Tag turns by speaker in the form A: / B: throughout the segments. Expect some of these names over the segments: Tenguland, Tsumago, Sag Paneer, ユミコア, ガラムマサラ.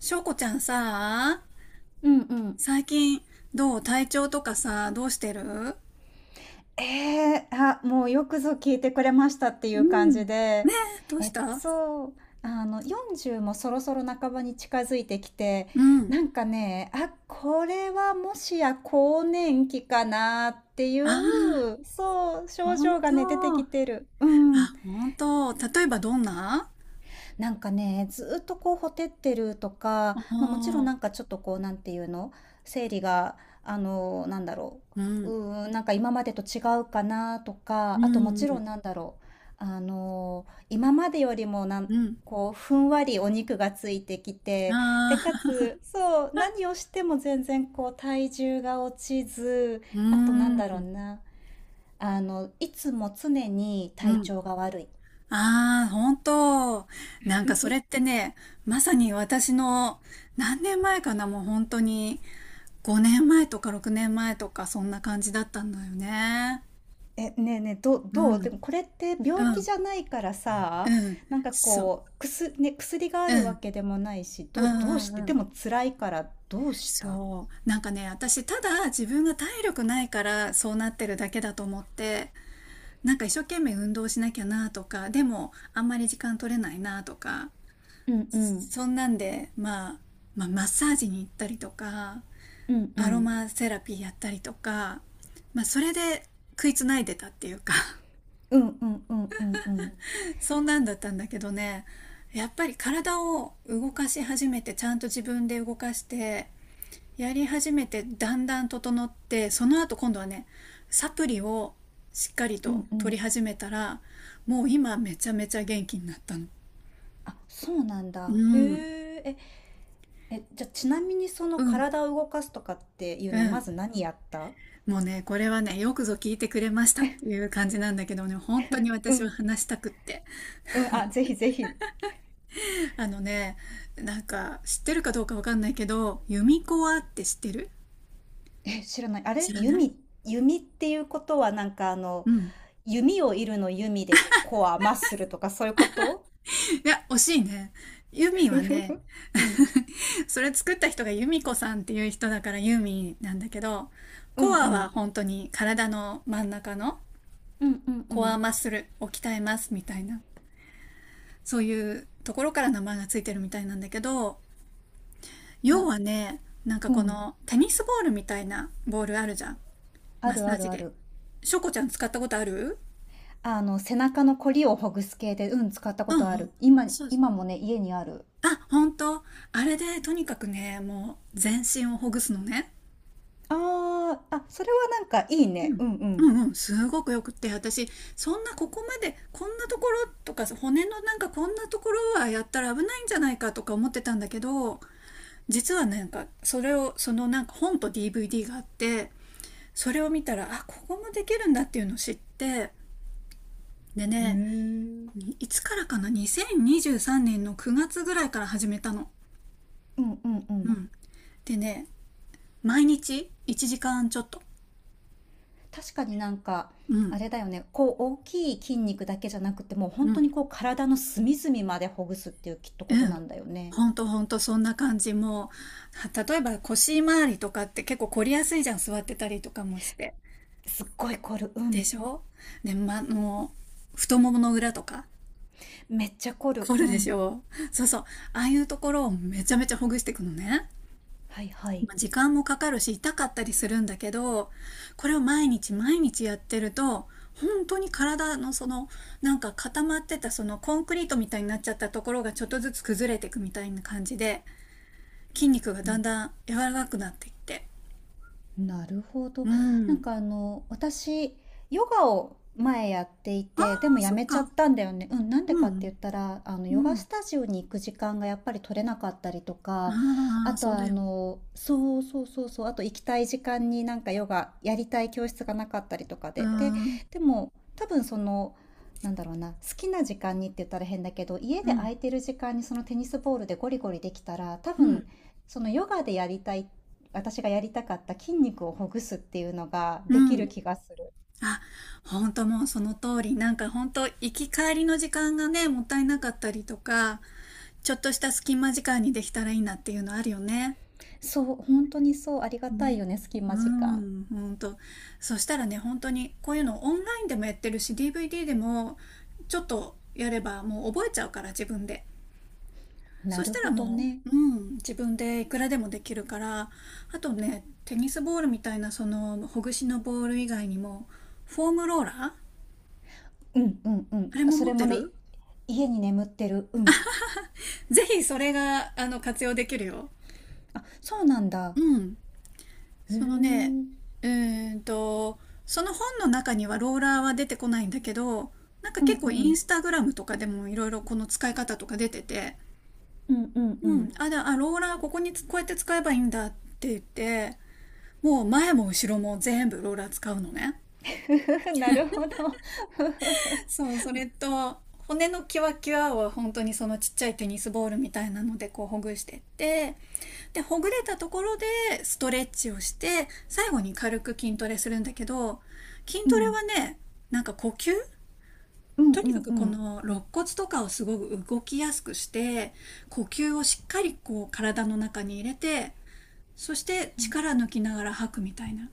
A: しょうこちゃんさ、
B: うんうん。
A: 最近どう体調とかさ、どうしてる？
B: えーあ、もうよくぞ聞いてくれましたっていう
A: う
B: 感
A: ん。ね
B: じで。
A: え、どうし
B: え、
A: た？
B: そう、40もそろそろ半ばに近づいてきて、
A: うん。
B: なんかね、あ、これはもしや更年期かなっていう、
A: あ
B: そう、
A: あ、
B: 症
A: ほん
B: 状がね、出てき
A: と。
B: てる。うん。
A: あ、ほんと。例えばどんな？
B: なんかね、ずっとこう、ほてってるとか、まあ、もちろん
A: あ
B: なん
A: あ、
B: かちょっとこう、なんていうの、生理が、あの、なんだろ
A: うん、
B: なんか今までと違うかなと
A: う
B: か、あとも
A: ん、
B: ち
A: う
B: ろ
A: ん、
B: んなんだろう、今までよりも
A: うん。
B: こう、ふんわりお肉がついてきて、
A: あ
B: で、
A: あ、
B: かつそう、何をしても全然こう、体重が落ちず、
A: う
B: あとなん
A: ん、
B: だろうな、いつも常に
A: う
B: 体
A: ん。
B: 調が悪い。
A: ああ、ほんと。なんかそれってね、まさに私の何年前かな、もう本当に5年前とか6年前とかそんな感じだったんだよね。
B: え、ねえねえ、
A: う
B: どうで
A: ん。
B: もこれって病
A: う
B: 気
A: ん、
B: じゃないからさ、
A: うん、
B: なんか
A: そう、
B: こう、薬ね、薬があ
A: う
B: るわ
A: ん、
B: けでもないし、
A: うん
B: どうし
A: う
B: て、
A: んう
B: で
A: ん。
B: も辛いからどうした。
A: そう。なんかね、私、ただ自分が体力ないからそうなってるだけだと思って、なんか一生懸命運動しなきゃなとか、でもあんまり時間取れないなとか、
B: うんうん、
A: そんなんで、まあ、まあ、マッサージに行ったりとか、
B: うんう
A: アロ
B: ん、
A: マセラピーやったりとか、まあ、それで食いつないでたっていうか。
B: うんうんうんうんうん、
A: そんなんだったんだけどね、やっぱり体を動かし始めて、ちゃんと自分で動かして、やり始めてだんだん整って、その後今度はね、サプリをしっかり
B: う
A: と
B: んう
A: 取り
B: ん。
A: 始めたら、もう今めちゃめちゃ元気になったの。
B: あ、そうなん
A: う
B: だ。へ
A: ん
B: え。え、じゃあちなみにそ
A: う
B: の
A: ん
B: 体を動かすとかっていう
A: う
B: の、ま
A: ん。
B: ず何やった？
A: もうねこれはね、よくぞ聞いてくれましたっていう感じなんだけどね、本当に
B: う
A: 私は
B: ん、
A: 話したくって。
B: うん、あ、ぜひぜひ。
A: あのね、なんか知ってるかどうかわかんないけど、ユミコアって知ってる？
B: え、知らない。あれ
A: 知らない？
B: 弓、弓っていうことはなんかあの、
A: うん。
B: 弓を射るの弓でコア、マッスルとかそういうこと？
A: いや、惜しいね。ユミは ね、
B: うん。
A: それ作った人がユミコさんっていう人だからユーミンなんだけど、
B: うんう
A: コアは
B: ん。
A: 本当に体の真ん中の
B: うんうんう
A: コア
B: ん。
A: マッスルを鍛えますみたいな、そういうところから名前がついてるみたいなんだけど、要
B: な、
A: はね、なんか
B: う
A: こ
B: ん。
A: のテニスボールみたいなボールあるじゃん。
B: あ
A: マッ
B: る
A: サ
B: あ
A: ー
B: る
A: ジ
B: あ
A: で。
B: る。
A: しょこちゃん使ったことある？
B: あの、背中のコリをほぐす系で、うん、使ったこ
A: う
B: と
A: んう
B: あ
A: ん。
B: る。
A: そうです。
B: 今もね、家にある。
A: あ、本当？あれでとにかくね、もう全身をほぐすのね。
B: ああ、あ、それはなんかいいね。う
A: うんう
B: ん
A: んうん、すごくよくって、私そんな、ここまでこんなところとか骨のなんかこんなところはやったら危ないんじゃないかとか思ってたんだけど、実はなんかそれをそのなんか本と DVD があって、それを見たらあ、ここもできるんだっていうのを知って、で
B: う
A: ね、
B: ん。へえ。
A: いつからかな、2023年の9月ぐらいから始めたの。
B: うんうんう
A: う
B: ん。
A: ん、でね、毎日1時間ちょっと。
B: 確かになんか、
A: う
B: あ
A: ん
B: れだよね。こう、大きい筋肉だけじゃなくて、もう
A: う
B: 本当
A: ん、
B: にこう、体の隅々までほぐすっていうきっと
A: う
B: こと
A: ん。
B: なんだよね。
A: ほんとほんと、そんな感じ。もう、例えば腰回りとかって結構凝りやすいじゃん、座ってたりとかもして。
B: すっごい凝る。う
A: で
B: ん。
A: しょ？で、ま、もう、太ももの裏とか、
B: めっちゃ凝る。
A: 凝
B: う
A: るでし
B: ん。
A: ょ？そうそう。ああいうところをめちゃめちゃほぐしていくのね。
B: はいはい。
A: まあ時間もかかるし、痛かったりするんだけど、これを毎日毎日やってると、本当に体のそのなんか固まってた、そのコンクリートみたいになっちゃったところがちょっとずつ崩れていくみたいな感じで、筋肉が
B: う
A: だん
B: ん。
A: だん柔らかくなってきて。
B: なるほど。
A: う
B: なんか
A: ん。
B: あの、私、ヨガを前やってい
A: あ
B: て、で
A: あ、
B: もや
A: そっ
B: めちゃっ
A: か。
B: たんだよね。うん、なんで
A: う
B: かって
A: ん。
B: 言ったら、あの、
A: う
B: ヨガ
A: ん。
B: スタジオに行く時間がやっぱり取れなかったりとか、
A: あ
B: あ
A: あ、
B: と
A: そうだ
B: あ
A: よね。
B: の、そうそうそうそう、あと行きたい時間になんかヨガやりたい教室がなかったりとか
A: うー
B: で、で、
A: ん。
B: でも多分その、なんだろうな、好きな時間にって言ったら変だけど、家
A: う
B: で
A: ん。
B: 空いてる時間にそのテニスボールでゴリゴリできたら、多
A: うん。
B: 分、そのヨガでやりたいっ私がやりたかった筋肉をほぐすっていうのが
A: う
B: でき
A: ん。
B: る気がする。
A: あ、本当もうその通り。なんか本当、行き帰りの時間がね、もったいなかったりとか、ちょっとした隙間時間にできたらいいなっていうのあるよね。
B: そう、本当にそう、ありがたい
A: ね。
B: よね、隙
A: う
B: 間時間。
A: ん、本当。そしたらね、本当にこういうのオンラインでもやってるし、DVD でもちょっとやればもう覚えちゃうから、自分で。そ
B: な
A: し
B: る
A: たら
B: ほど
A: も
B: ね。
A: う、うん、自分でいくらでもできるから、あとね、テニスボールみたいなそのほぐしのボール以外にも、フォームローラーあ
B: うんうんうん。
A: れも
B: そ
A: 持っ
B: れ
A: て
B: もね、
A: る？
B: 家に眠ってる。うん。
A: ぜひそれが、あの、活用できるよ。
B: あ、そうなんだ。
A: うん。
B: へえ。う
A: そのね、
B: ん
A: うーんと、その本の中にはローラーは出てこないんだけど、なんか
B: う
A: 結構イン
B: ん。
A: スタグラムとかでもいろいろこの使い方とか出てて、
B: うんうんう
A: う
B: ん。
A: ん、ローラーここにつこう、やって使えばいいんだって言って、もう前も後ろも全部ローラー使うのね。
B: ふふふ、なるほど。ふふふ。
A: そう、それと、骨のキワキワを本当にそのちっちゃいテニスボールみたいなのでこうほぐしてって、で、ほぐれたところでストレッチをして、最後に軽く筋トレするんだけど、筋
B: う
A: トレ
B: ん。
A: はね、なんか呼吸、
B: うんう
A: とにか
B: ん
A: く
B: う
A: こ
B: ん。
A: の肋骨とかをすごく動きやすくして、呼吸をしっかりこう体の中に入れて、そして
B: うん。
A: 力抜きながら吐くみたいな。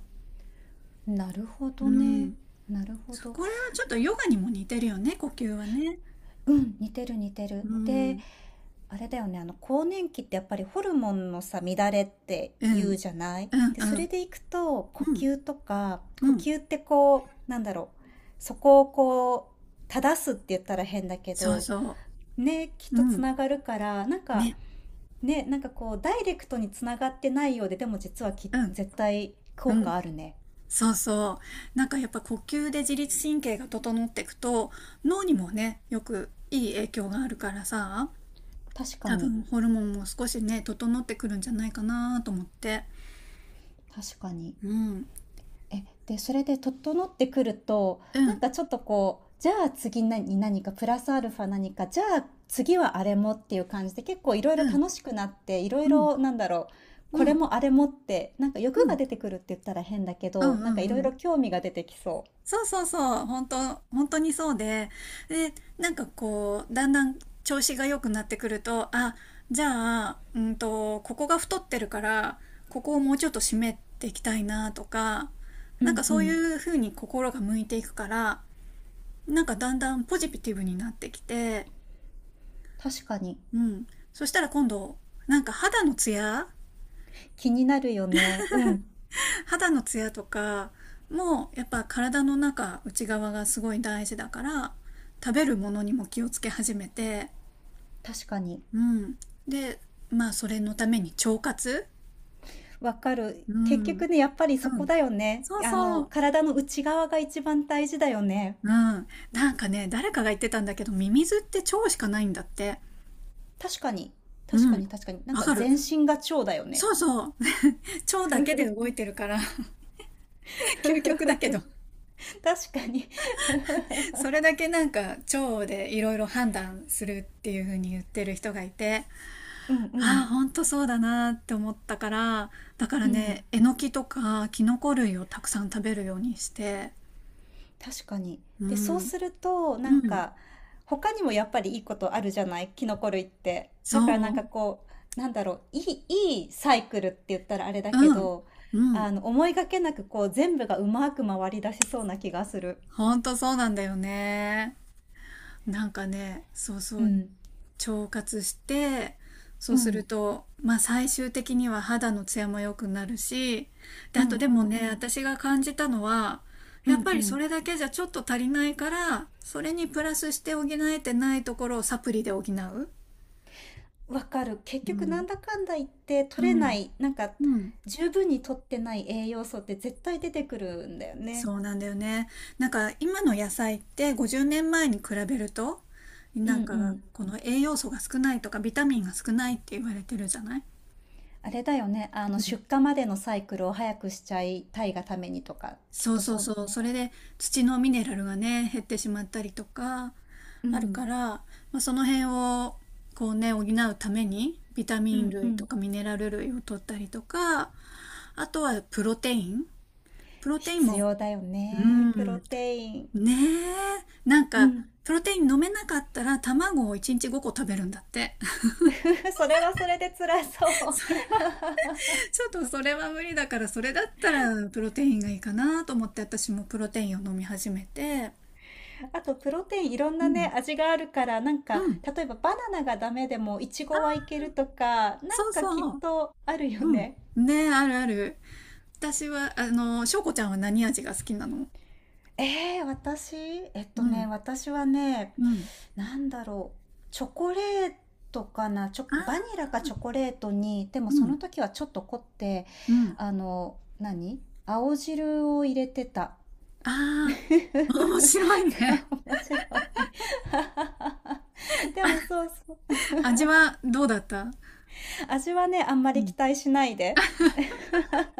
B: なるほ
A: う
B: どね。
A: ん。
B: なるほど。
A: これはちょっとヨガにも似てるよね、呼吸はね。
B: うん、似てる似て
A: う
B: る。で、
A: ん、
B: あれだよね、あの更年期ってやっぱりホルモンのさ、乱れって
A: う
B: 言う
A: ん、
B: じゃない。
A: うん、
B: で、そ
A: うん、
B: れでいくと呼
A: うん、
B: 吸とか、
A: う
B: 呼
A: ん、
B: 吸ってこう、なんだろう、そこをこう、正すって言ったら変だけ
A: そう
B: ど、
A: そ
B: ね、きっ
A: う、う
B: とつ
A: ん、
B: ながるから、なんか、
A: ね、
B: ね、なんかこう、ダイレクトにつながってないようで、でも実は
A: う
B: 絶対
A: ん、
B: 効
A: うん、
B: 果あるね。
A: そうそう。なんかやっぱ呼吸で自律神経が整っていくと、脳にもね、よくいい影響があるからさ、
B: 確か
A: 多
B: に、
A: 分ホルモンも少しね、整ってくるんじゃないかなと思って。
B: 確かに。
A: うん、
B: え、で、それで整ってくると、
A: う
B: なん
A: ん、
B: かちょっとこう、じゃあ次何かプラスアルファ何か、じゃあ次はあれもっていう感じで結構いろいろ
A: うん、
B: 楽しくなって、いろ
A: う
B: い
A: ん、
B: ろなんだろう、こ
A: うん、う
B: れ
A: ん、
B: もあれもって、なんか
A: う
B: 欲が
A: ん、
B: 出てくるって言ったら変だけ
A: うん、
B: ど、なんかい
A: う
B: ろい
A: ん、
B: ろ興味が出てきそ
A: そうそうそう、本当、本当にそうで、で、なんかこう、だんだん調子が良くなってくると、あ、じゃあ、ここが太ってるから、ここをもうちょっと締めていきたいなとか、
B: う。う
A: なんか
B: んう
A: そうい
B: ん。
A: う風に心が向いていくから、なんかだんだんポジティブになってきて、
B: 確かに。
A: うん。そしたら今度、なんか肌のツヤ、
B: 気になるよね。うん。
A: 肌のツヤとかもやっぱ体の中、内側がすごい大事だから、食べるものにも気をつけ始めて、
B: 確かに。
A: うん、で、まあそれのために腸活、
B: わかる。
A: う
B: 結
A: ん、うん、
B: 局ね、やっぱりそこだよね。
A: そう
B: あ
A: そ
B: の、
A: う、
B: 体の内側が一番大事だよね。
A: うん、なんかね、誰かが言ってたんだけど、ミミズって腸しかないんだって、
B: 確かに。
A: う
B: 確か
A: ん、
B: に確かに。なん
A: わ
B: か
A: かる、
B: 全身が蝶だよね。
A: そうそう、 腸だけで動いてるから、 究極だ けど、
B: 確かに。
A: そ れだけなんか腸でいろいろ判断するっていう風に言ってる人がいて、
B: うんう
A: ああ、
B: ん。
A: ほんとそうだなって思ったから、だから
B: うん。
A: ね、えのきとかキノコ類をたくさん食べるようにして、
B: 確かに。
A: う
B: で、そう
A: ん、
B: すると、な
A: う
B: ん
A: ん、
B: か、他にもやっぱりいいことあるじゃないキノコ類って。だからな
A: そ
B: んか
A: う、
B: こう、なんだろう、いいサイクルって言ったらあれだけ
A: うん、
B: ど、
A: うん、
B: あの、思いがけなくこう、全部がうまく回り出しそうな気がする。
A: ほんとそうなんだよね。なんかね、そう
B: う
A: そう、
B: ん。
A: 腸活して、そ
B: う
A: うする
B: ん。
A: と、まあ、最終的には肌のツヤも良くなるし、で
B: う
A: あと
B: ん
A: で
B: う
A: も
B: んう
A: ね、
B: ん。
A: 私が感じたのは、
B: う
A: やっ
B: ん
A: ぱ
B: う
A: りそ
B: ん。
A: れだけじゃちょっと足りないから、それにプラスして補えてないところをサプリで補う。
B: わかる。結
A: う
B: 局な
A: ん
B: んだかんだ言って取
A: う
B: れな
A: ん
B: い、なんか
A: うん、
B: 十分に取ってない栄養素って絶対出てくるんだよね。
A: そうなんだよね。なんか今の野菜って50年前に比べると、
B: うん
A: な
B: う
A: んか
B: ん。
A: この栄養素が少ないとかビタミンが少ないって言われてるじゃない。
B: あれだよね。あの出荷までのサイクルを早くしちゃいたいがためにとか、きっ
A: そう
B: と
A: そう
B: そう
A: そう。
B: だね。
A: それで土のミネラルがね、減ってしまったりとか、
B: う
A: あるか
B: ん。
A: ら、まあ、その辺をこうね、補うために、ビタ
B: う
A: ミン
B: んう
A: 類と
B: ん。
A: かミネラル類を取ったりとか、あとはプロテイン。プロテイン
B: 必
A: も、
B: 要だよ
A: う
B: ね。プ
A: ん、
B: ロ
A: ね
B: テイン。
A: え、なん
B: う
A: か、
B: ん。
A: プロテイン飲めなかったら卵を1日5個食べるんだって。
B: それはそれで辛そ う。
A: それは、ちょっとそれは無理だから、それだったらプロテインがいいかなと思って、私もプロテインを飲み始めて、
B: あと、プロテインいろん
A: う
B: な
A: ん、
B: ね、味があるから、なんか、
A: うん。
B: 例えばバナナがダメでも、イチゴはいけるとか、なん
A: そう
B: かきっ
A: そう。
B: とあるよ
A: うん。
B: ね。
A: ね、あるある。私は、あの、しょうこちゃんは何味が好きなの？
B: ええ、私、えっと
A: うん。
B: ね、私はね、
A: うん。
B: なんだろう、チョコレートかな、チョ、
A: あ
B: バニ
A: あ、
B: ラかチョコレートに、でも
A: う
B: そ
A: ん。
B: の時はちょっと凝って、
A: うん。
B: あの、何青汁を入れてた。
A: ああ、面白い
B: そ
A: ね。
B: う、面白い。でもそうそう、
A: 味はどうだった？
B: 味はね、あんま
A: う
B: り
A: ん。
B: 期待しないで。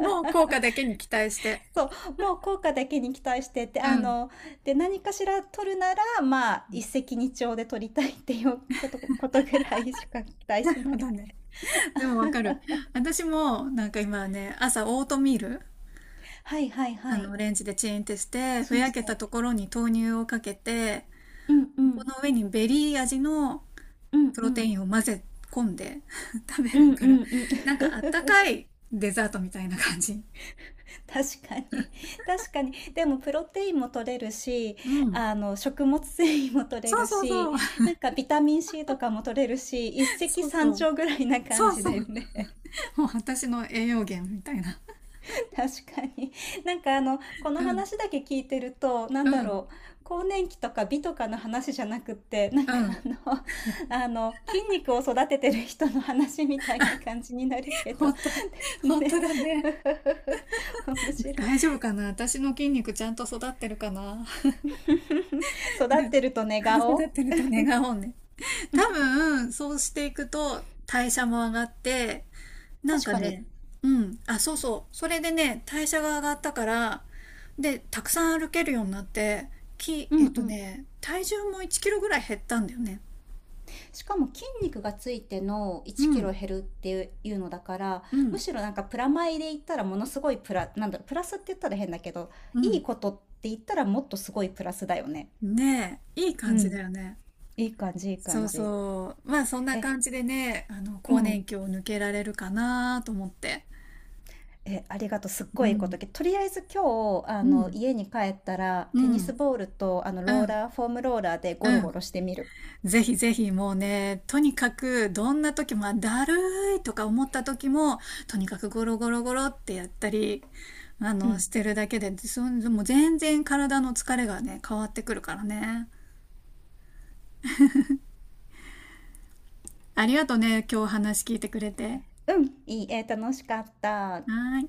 A: もう 効果だけに期待して。
B: そう、もう効果だけに期待してて、
A: う
B: あ
A: ん。
B: の、で、何かしら取るなら、まあ、一石二鳥で取りたいっていうことぐらいしか期待
A: な
B: し
A: る
B: な
A: ほ
B: い
A: どね。
B: で。
A: でもわかる。私も、なんか今ね、朝オートミール、
B: はいはいは
A: あ
B: い。
A: の、レンジでチンってして、ふ
B: チン
A: や
B: し
A: けた
B: て。
A: ところに豆乳をかけて、
B: うんう
A: こ
B: ん。
A: の上にベリー味の
B: うん
A: プ
B: う
A: ロテ
B: ん。
A: インを混ぜ込んで、 食べ
B: う
A: る
B: んう
A: から、
B: んうん。
A: なんかあったかいデザートみたいな感じ。
B: 確かに。確かに。でも、プロテインも取れるし、
A: うん。
B: あの、食物繊維も取れ
A: そう
B: る
A: そう
B: し、
A: そう。
B: なんかビタミン C とかも取れるし、一 石
A: そう
B: 三
A: そう。
B: 鳥ぐらいな感
A: そう
B: じ
A: そう。
B: だよね。
A: もう私の栄養源みたいな。
B: 確かに。なんかあの、こ
A: う
B: の
A: ん。
B: 話だけ聞いてると、な
A: う
B: んだ
A: ん。
B: ろう、更年期とか美とかの話じゃなくって、なん
A: う
B: か
A: ん。
B: あの、あの、筋肉を育ててる人の話みたいな感じになるけど、
A: 本当、本
B: ね。
A: 当だね。
B: 面白い。
A: 大丈夫かな、私の筋肉ちゃんと育ってるかな？
B: 育っ
A: で、
B: てると寝
A: 育っ
B: 顔
A: てると願おうね。多分、そうしていくと代謝も上がって、なん
B: 確
A: か
B: かに。
A: ね、うん、あ、そうそう、それでね、代謝が上がったから、で、たくさん歩けるようになって、き、
B: う
A: え
B: んう
A: っと
B: ん。
A: ね、体重も1キロぐらい減ったんだよね。
B: しかも筋肉がついての1
A: う
B: キ
A: ん、
B: ロ減るっていうのだから、
A: う
B: む
A: ん、
B: しろなんかプラマイで言ったらものすごいプラ、なんだろう、プラスって言ったら変だけど、
A: う
B: いい
A: ん。
B: ことって言ったらもっとすごいプラスだよね。
A: ねえ、いい
B: う
A: 感じ
B: ん。
A: だよね。
B: いい感じいい
A: そ
B: 感
A: う
B: じ。
A: そう。まあそんな
B: え
A: 感じでね、あの、
B: う
A: 更
B: ん。
A: 年期を抜けられるかなと思って。
B: ありがとう、すっ
A: う
B: ごいいいこと、
A: ん、
B: とりあえず今日あ
A: う
B: の
A: ん、
B: 家に帰ったら
A: う
B: テニス
A: ん、
B: ボールとあの
A: う
B: ロー
A: ん、
B: ラー、フォームローラーで
A: う
B: ゴロゴ
A: ん。
B: ロしてみる。
A: ぜひぜひもうね、とにかくどんな時も、まあだるいとか思った時も、とにかくゴロゴロゴロってやったり、あ
B: う
A: の、
B: ん
A: してるだけで、もう全然体の疲れがね、変わってくるからね。ありがとうね、今日話聞いてくれて。は
B: うん、いいえー楽しかった。
A: ーい。